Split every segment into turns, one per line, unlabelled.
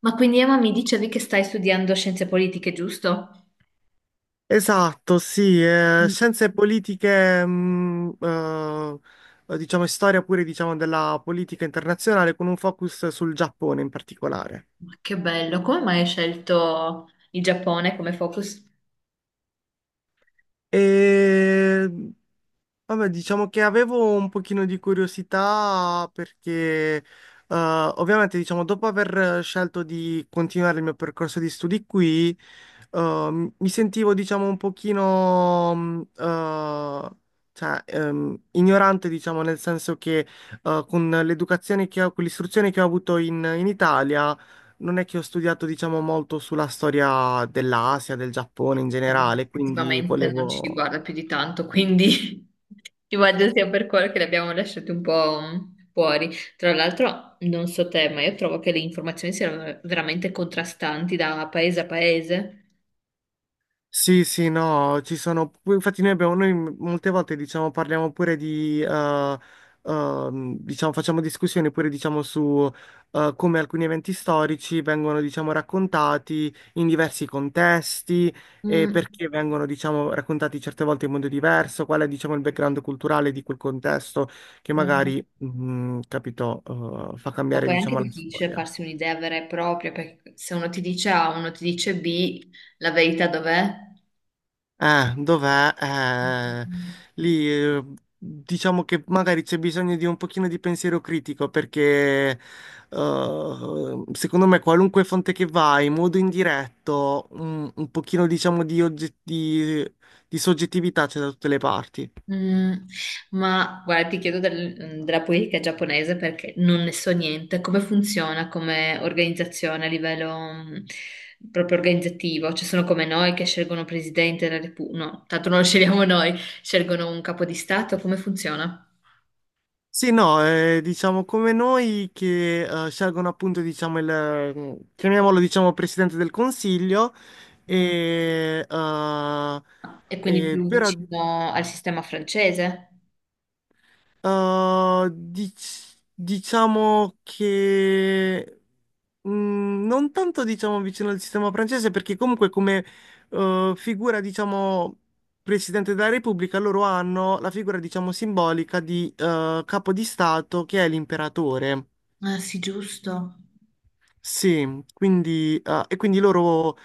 Ma quindi Emma mi dicevi che stai studiando scienze politiche, giusto?
Esatto, sì,
Mm.
scienze politiche, diciamo, e storia pure, diciamo, della politica internazionale con un focus sul Giappone in particolare.
Ma che bello, come mai hai scelto il Giappone come focus?
E Vabbè, diciamo che avevo un pochino di curiosità perché eh, ovviamente diciamo dopo aver scelto di continuare il mio percorso di studi qui mi sentivo diciamo un pochino cioè, ignorante diciamo nel senso che con l'educazione che ho, con l'istruzione che ho avuto in Italia non è che ho studiato diciamo molto sulla storia dell'Asia, del Giappone in
Boh,
generale, quindi
effettivamente non ci
volevo.
riguarda più di tanto, quindi immagino sia per quello che li abbiamo lasciati un po' fuori. Tra l'altro, non so te, ma io trovo che le informazioni siano veramente contrastanti da paese a paese.
Sì, sì, no, ci sono, infatti noi abbiamo, noi molte volte diciamo parliamo pure diciamo facciamo discussioni pure diciamo su come alcuni eventi storici vengono diciamo raccontati in diversi contesti e
Mm.
perché vengono diciamo raccontati certe volte in modo diverso, qual è diciamo il background culturale di quel contesto che
Eh,
magari, capito, fa
Ma
cambiare
poi è anche
diciamo la
difficile
storia.
farsi un'idea vera e propria, perché se uno ti dice A, uno ti dice B, la verità dov'è?
Ah, dov'è?
Mm,
Lì, diciamo che magari c'è bisogno di un pochino di pensiero critico perché secondo me qualunque fonte che vai, in modo indiretto, un pochino diciamo di soggettività c'è da tutte le parti.
ma guarda, ti chiedo della politica giapponese perché non ne so niente. Come funziona come organizzazione a livello mm, proprio organizzativo? Ci sono come noi che scelgono presidente della Repubblica. No, tanto non lo scegliamo noi, scelgono un capo di Stato. Come funziona?
Sì, no, diciamo come noi che scelgono appunto diciamo chiamiamolo diciamo Presidente del Consiglio.
Mm,
e eh,
e quindi
eh,
più
però,
vicino al sistema francese?
Diciamo che non tanto diciamo vicino al sistema francese, perché comunque come figura, diciamo, Presidente della Repubblica, loro hanno la figura, diciamo, simbolica di capo di Stato che è l'imperatore.
Ah, sì, giusto.
Sì, quindi, e quindi loro,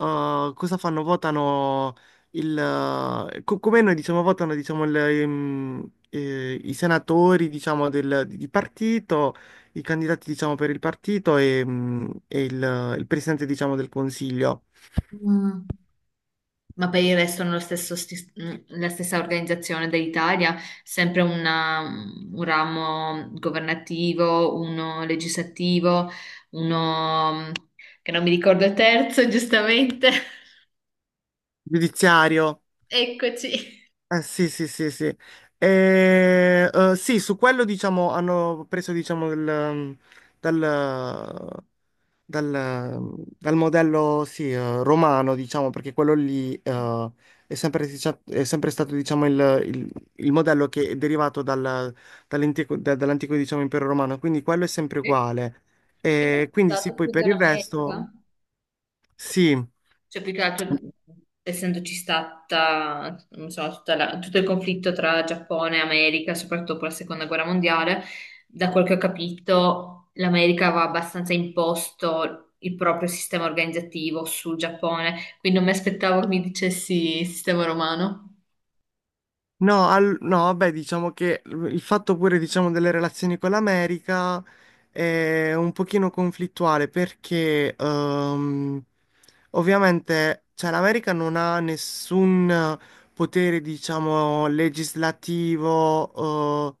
Cosa fanno? Votano come noi diciamo, votano diciamo i senatori diciamo di partito, i candidati diciamo per il partito, e il presidente diciamo del consiglio.
Mm. Ma per il resto hanno lo stesso la stessa organizzazione dell'Italia, sempre un ramo governativo, uno legislativo, uno che non mi ricordo il terzo, giustamente.
Giudiziario.
Eccoci.
Sì, sì, sì, sì. E, sì, su quello diciamo hanno preso diciamo il, mm, dal, dal, dal modello, sì, romano, diciamo, perché quello lì è sempre stato diciamo il modello che è derivato dall'antico, diciamo, impero romano, quindi quello è sempre
Sì.
uguale.
Io ho
E quindi sì,
stato
poi
più
per il resto,
dell'America.
sì.
Cioè, più che altro, essendoci stata, non so, tutto il conflitto tra Giappone e America, soprattutto dopo la seconda guerra mondiale, da quel che ho capito, l'America aveva abbastanza imposto il proprio sistema organizzativo sul Giappone, quindi non mi aspettavo che mi dicessi sistema romano.
No, no, vabbè, diciamo che il fatto pure, diciamo, delle relazioni con l'America è un pochino conflittuale perché ovviamente, cioè, l'America non ha nessun potere, diciamo, legislativo,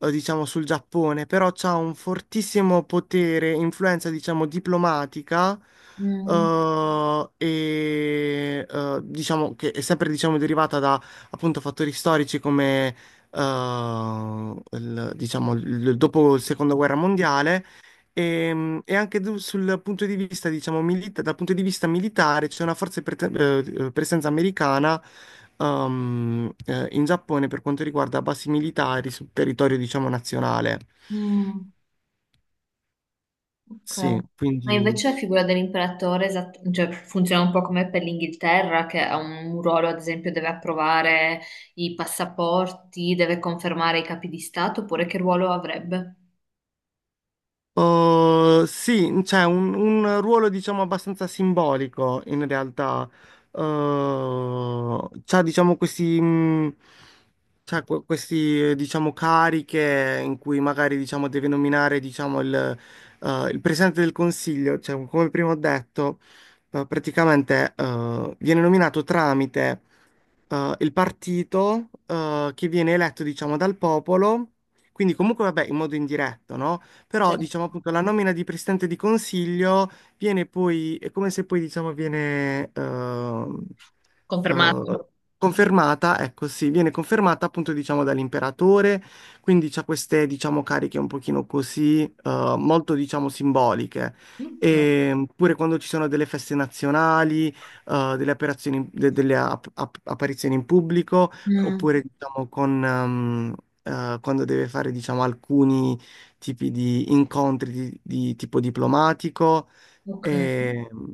diciamo, sul Giappone, però c'ha un fortissimo potere, influenza, diciamo, diplomatica.
Mm,
E diciamo che è sempre diciamo derivata da appunto fattori storici come diciamo dopo la seconda guerra mondiale, e anche sul punto di vista diciamo dal punto di vista militare c'è una forte presenza americana in Giappone per quanto riguarda basi militari sul territorio diciamo nazionale.
mm. Ok.
Sì,
Ma
quindi,
invece la figura dell'imperatore cioè, funziona un po' come per l'Inghilterra, che ha un ruolo, ad esempio, deve approvare i passaporti, deve confermare i capi di Stato, oppure che ruolo avrebbe?
Sì, c'è un ruolo diciamo abbastanza simbolico in realtà. C'ha diciamo questi diciamo cariche in cui magari diciamo deve nominare diciamo il presidente del consiglio, cioè come prima ho detto, praticamente viene nominato tramite il partito che viene eletto diciamo dal popolo, quindi comunque vabbè in modo indiretto, no?
Sì.
Però diciamo appunto la nomina di presidente di consiglio viene poi, è come se poi diciamo viene
Confermato.
eh, confermata, ecco sì, viene confermata appunto diciamo dall'imperatore, quindi c'ha queste diciamo cariche un pochino così, molto diciamo simboliche.
Ok.
E pure quando ci sono delle feste nazionali, delle apparizioni in pubblico,
Mm,
oppure diciamo quando deve fare diciamo alcuni tipi di incontri di tipo diplomatico.
ok.
E,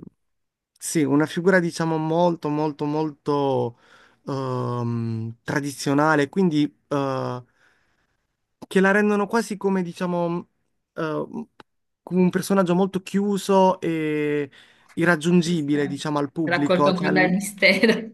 sì, una figura diciamo molto, molto, molto tradizionale, quindi eh, che la rendono quasi come diciamo eh, come un personaggio molto chiuso e
Sì.
irraggiungibile, diciamo, al
Raccolto
pubblico.
ancora
Cioè.
dal mistero.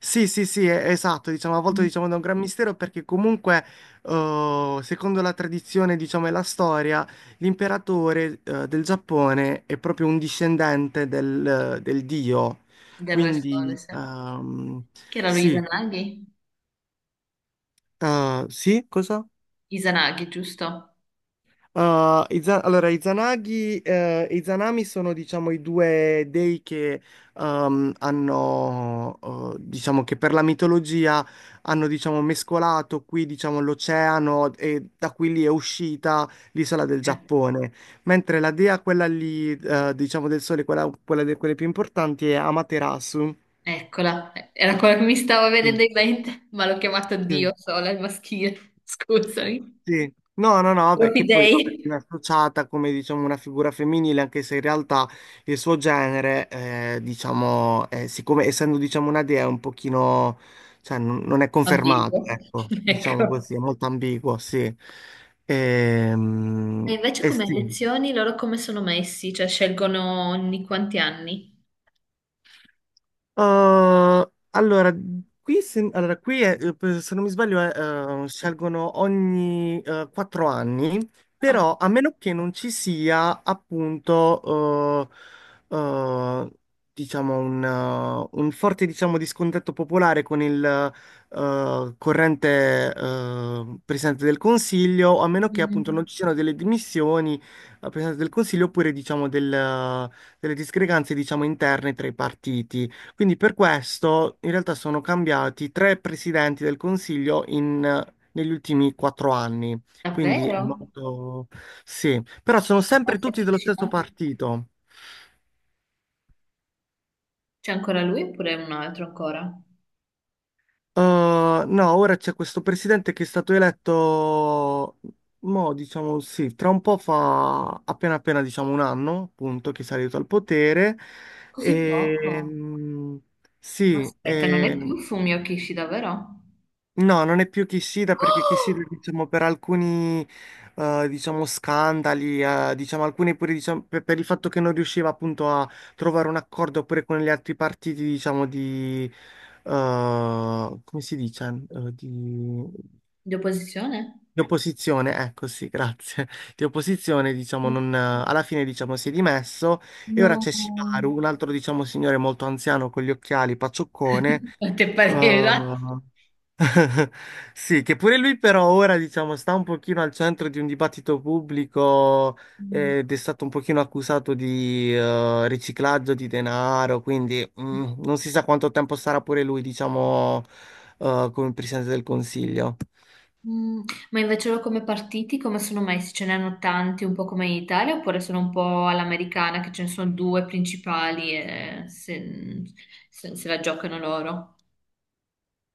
Sì, sì, sì, esatto, diciamo, a volte
Mm.
diciamo da un gran mistero perché comunque, secondo la tradizione, diciamo, e la storia, l'imperatore, del Giappone è proprio un discendente del dio.
Del Re Sole,
Quindi,
sì. Che era lui
sì,
Izanagi?
sì, cosa?
Izanagi, giusto?
Allora, i Izanagi, e i Izanami sono, diciamo, i due dei che hanno, diciamo, che per la mitologia hanno, diciamo, mescolato qui, diciamo, l'oceano, e da qui lì è uscita l'isola del Giappone. Mentre la dea, quella lì, diciamo, del sole, quella di quelle più importanti, è Amaterasu.
Eccola, era quello che mi stava
Sì,
venendo in mente, ma l'ho chiamato Dio
sì.
sola al maschile, scusami.
Sì. No, no, no, beh,
Propri
che poi vabbè,
dei.
viene associata come diciamo una figura femminile, anche se in realtà il suo genere, diciamo, siccome essendo diciamo una dea è un pochino, cioè non è
Ambiguo.
confermato, ecco,
Ecco.
diciamo così, è molto ambiguo, sì.
E
Ehm,
invece
E,
come
sì.
lezioni loro come sono messi? Cioè scelgono ogni quanti anni?
Uh, allora, qui, se, allora, se non mi sbaglio, scelgono ogni 4 anni,
Ah,
però a meno che non ci sia appunto, eh, eh, diciamo, un forte, diciamo, discontento popolare con il corrente Presidente del Consiglio, a meno che appunto non
mm,
ci siano delle dimissioni al Presidente del Consiglio oppure, diciamo, delle discrepanze, diciamo, interne tra i partiti. Quindi per questo in realtà sono cambiati tre presidenti del Consiglio negli ultimi 4 anni. Quindi è
davvero?
molto. Sì, però sono
Ma
sempre tutti dello stesso
semplicità.
partito.
C'è ancora lui oppure un altro ancora?
Eh, no, ora c'è questo presidente che è stato eletto, mo, diciamo sì, tra un po' fa appena appena diciamo un anno, appunto, che è salito al potere.
Così
E,
poco.
mm,
Ma
sì,
aspetta, non è
e-
più Fumio Kishida, vero?
No, non è più Kishida perché Kishida,
Oh!
diciamo, per alcuni, diciamo, scandali, diciamo, alcuni pure, diciamo, per il fatto che non riusciva appunto a trovare un accordo pure con gli altri partiti, diciamo, come si dice? Di,
Di opposizione?
di opposizione, ecco, sì, grazie. Di opposizione, diciamo, non, alla fine, diciamo, si è dimesso e ora
No.
c'è Shimaru, un altro, diciamo, signore molto anziano con gli occhiali, paccioccone,
Quante pareva?
eh, Sì, che pure lui però ora, diciamo, sta un pochino al centro di un dibattito pubblico,
Mm,
ed è stato un pochino accusato di riciclaggio di denaro, quindi non si sa quanto tempo sarà pure lui, diciamo, come presidente del Consiglio.
mm. Ma invece loro come partiti, come sono messi? Ce ne hanno tanti, un po' come in Italia, oppure sono un po' all'americana, che ce ne sono due principali e se, se la giocano loro?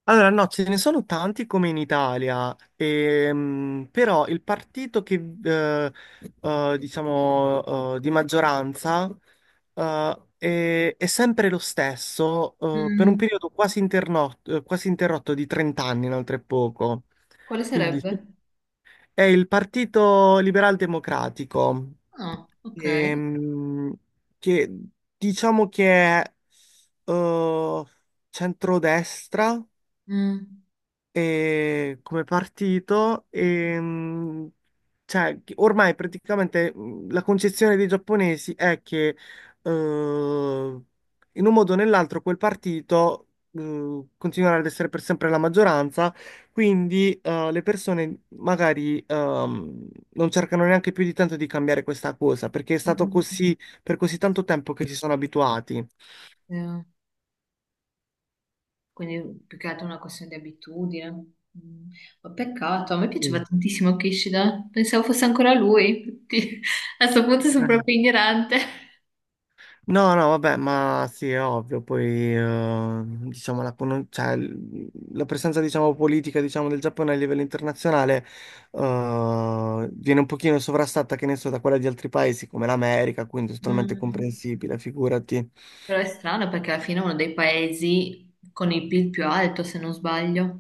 Allora, no, ce ne sono tanti come in Italia, però il partito che, eh, diciamo, di maggioranza, è sempre lo stesso, per un
Mm,
periodo quasi interrotto di 30 anni, inoltre poco.
quale
Quindi
sarebbe?
è il Partito Liberal Democratico,
Ah, ok.
ehm, che diciamo che è eh, centrodestra
Mm,
come partito, e cioè, che ormai praticamente la concezione dei giapponesi è che eh, in un modo o nell'altro quel partito continuerà ad essere per sempre la maggioranza, quindi le persone magari non cercano neanche più di tanto di cambiare questa cosa, perché è stato
mm,
così per così tanto tempo che si sono abituati.
eh, Quindi più che altro è una questione di abitudine. Mm. Ma peccato, a me piaceva
Sì.
tantissimo Kishida, pensavo fosse ancora lui. Tutti- A questo punto sono
Eh,
proprio ignorante.
No, no, vabbè, ma sì, è ovvio, poi diciamo cioè, la presenza diciamo, politica diciamo, del Giappone a livello internazionale, viene un pochino sovrastata, che ne so, da quella di altri paesi come l'America, quindi è totalmente
Mm,
comprensibile, figurati.
però è strano perché alla fine è uno dei paesi con il PIL più alto, se non sbaglio.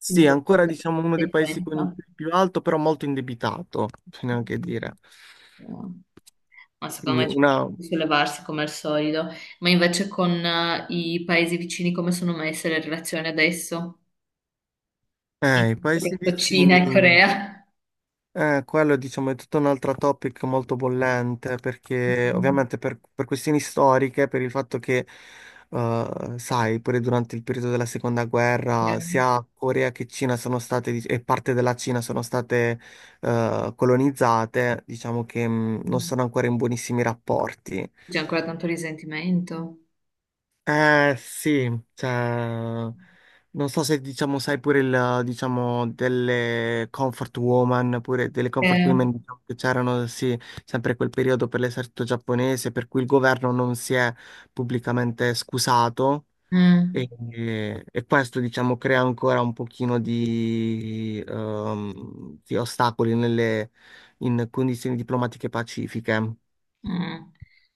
Sì,
Quindi
è ancora
dovrebbe
diciamo uno dei
essere
paesi con il
influenza.
PIL più alto, però molto indebitato, bisogna anche dire.
Mm. No. Ma secondo
Quindi
me ci fanno sollevarsi come al solito. Ma invece con i paesi vicini come sono messe le relazioni adesso? In-
i paesi
Soprattutto Cina
vicini.
e Corea.
Quello diciamo è tutto un altro topic molto bollente perché
Mm.
ovviamente per questioni storiche, per il fatto che, sai, pure durante il periodo della seconda
Eh,
guerra sia Corea che Cina sono state, e parte della Cina sono state, colonizzate, diciamo che, non
mm.
sono ancora in buonissimi rapporti.
C'è ancora tanto risentimento.
Eh sì, cioè, non so se diciamo, sai pure diciamo, delle comfort woman, pure delle comfort
Eh,
women diciamo, che c'erano, sì, sempre quel periodo per l'esercito giapponese, per cui il governo non si è pubblicamente scusato,
mm,
e questo, diciamo, crea ancora un pochino di ostacoli nelle, in condizioni diplomatiche pacifiche.
mm.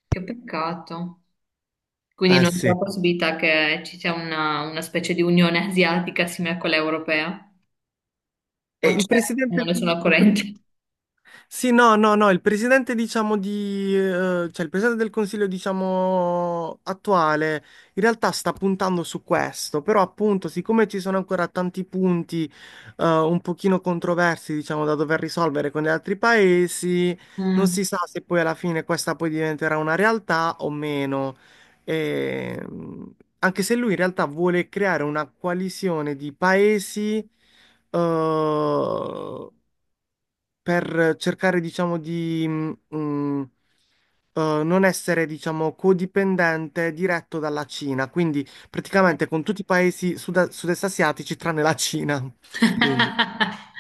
Che peccato. Quindi
Eh
non c'è la
sì.
possibilità che ci sia una specie di unione asiatica simile a quella europea?
E
O
il
c'è? Non
presidente.
ne sono a corrente.
Sì, no, no, no, il presidente, diciamo, cioè il presidente del Consiglio, diciamo, attuale, in realtà sta puntando su questo, però appunto, siccome ci sono ancora tanti punti, un pochino controversi, diciamo, da dover risolvere con gli altri paesi, non
Mm.
si sa se poi alla fine questa poi diventerà una realtà o meno. E, anche se lui in realtà vuole creare una coalizione di paesi, eh, per cercare, diciamo, di non essere, diciamo, codipendente diretto dalla Cina, quindi praticamente con tutti i paesi sud-est asiatici tranne la Cina. Quindi,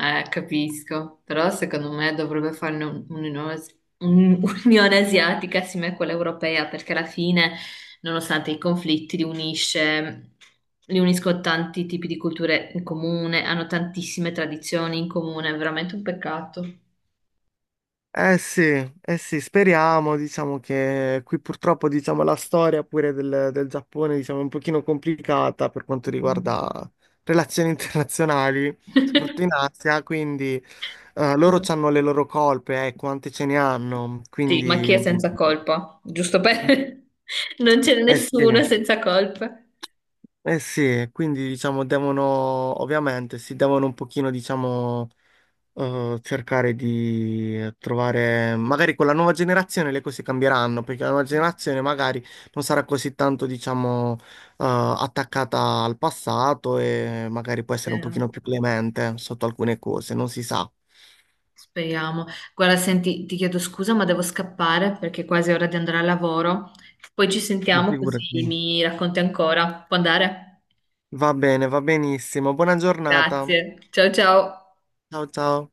Capisco, però secondo me dovrebbe farne un'unione un'unione asiatica simile a quella europea, perché alla fine, nonostante i conflitti, li unisce, li uniscono tanti tipi di culture in comune, hanno tantissime tradizioni in comune, è veramente un peccato.
sì, eh sì, speriamo, diciamo che qui purtroppo, diciamo, la storia pure del Giappone, diciamo, è un pochino complicata per quanto
Mm.
riguarda relazioni internazionali, soprattutto in Asia, quindi loro hanno le loro colpe, quante ce ne hanno,
Sì, ma chi è
quindi.
senza colpa? Giusto per... Non c'è
Eh sì,
nessuno senza colpa.
eh sì, quindi diciamo devono, ovviamente, si devono un pochino, diciamo, cercare di trovare, magari con la nuova generazione le cose cambieranno, perché la nuova generazione magari non sarà così tanto, diciamo, attaccata al passato e magari può essere un
Eh,
pochino più clemente sotto alcune cose, non si sa.
Speriamo. Guarda, senti, ti chiedo scusa, ma devo scappare perché è quasi ora di andare al lavoro. Poi ci
Ma
sentiamo così
figurati.
mi racconti ancora. Può andare?
Va bene, va benissimo. Buona giornata.
Grazie. Ciao ciao.
Ciao ciao.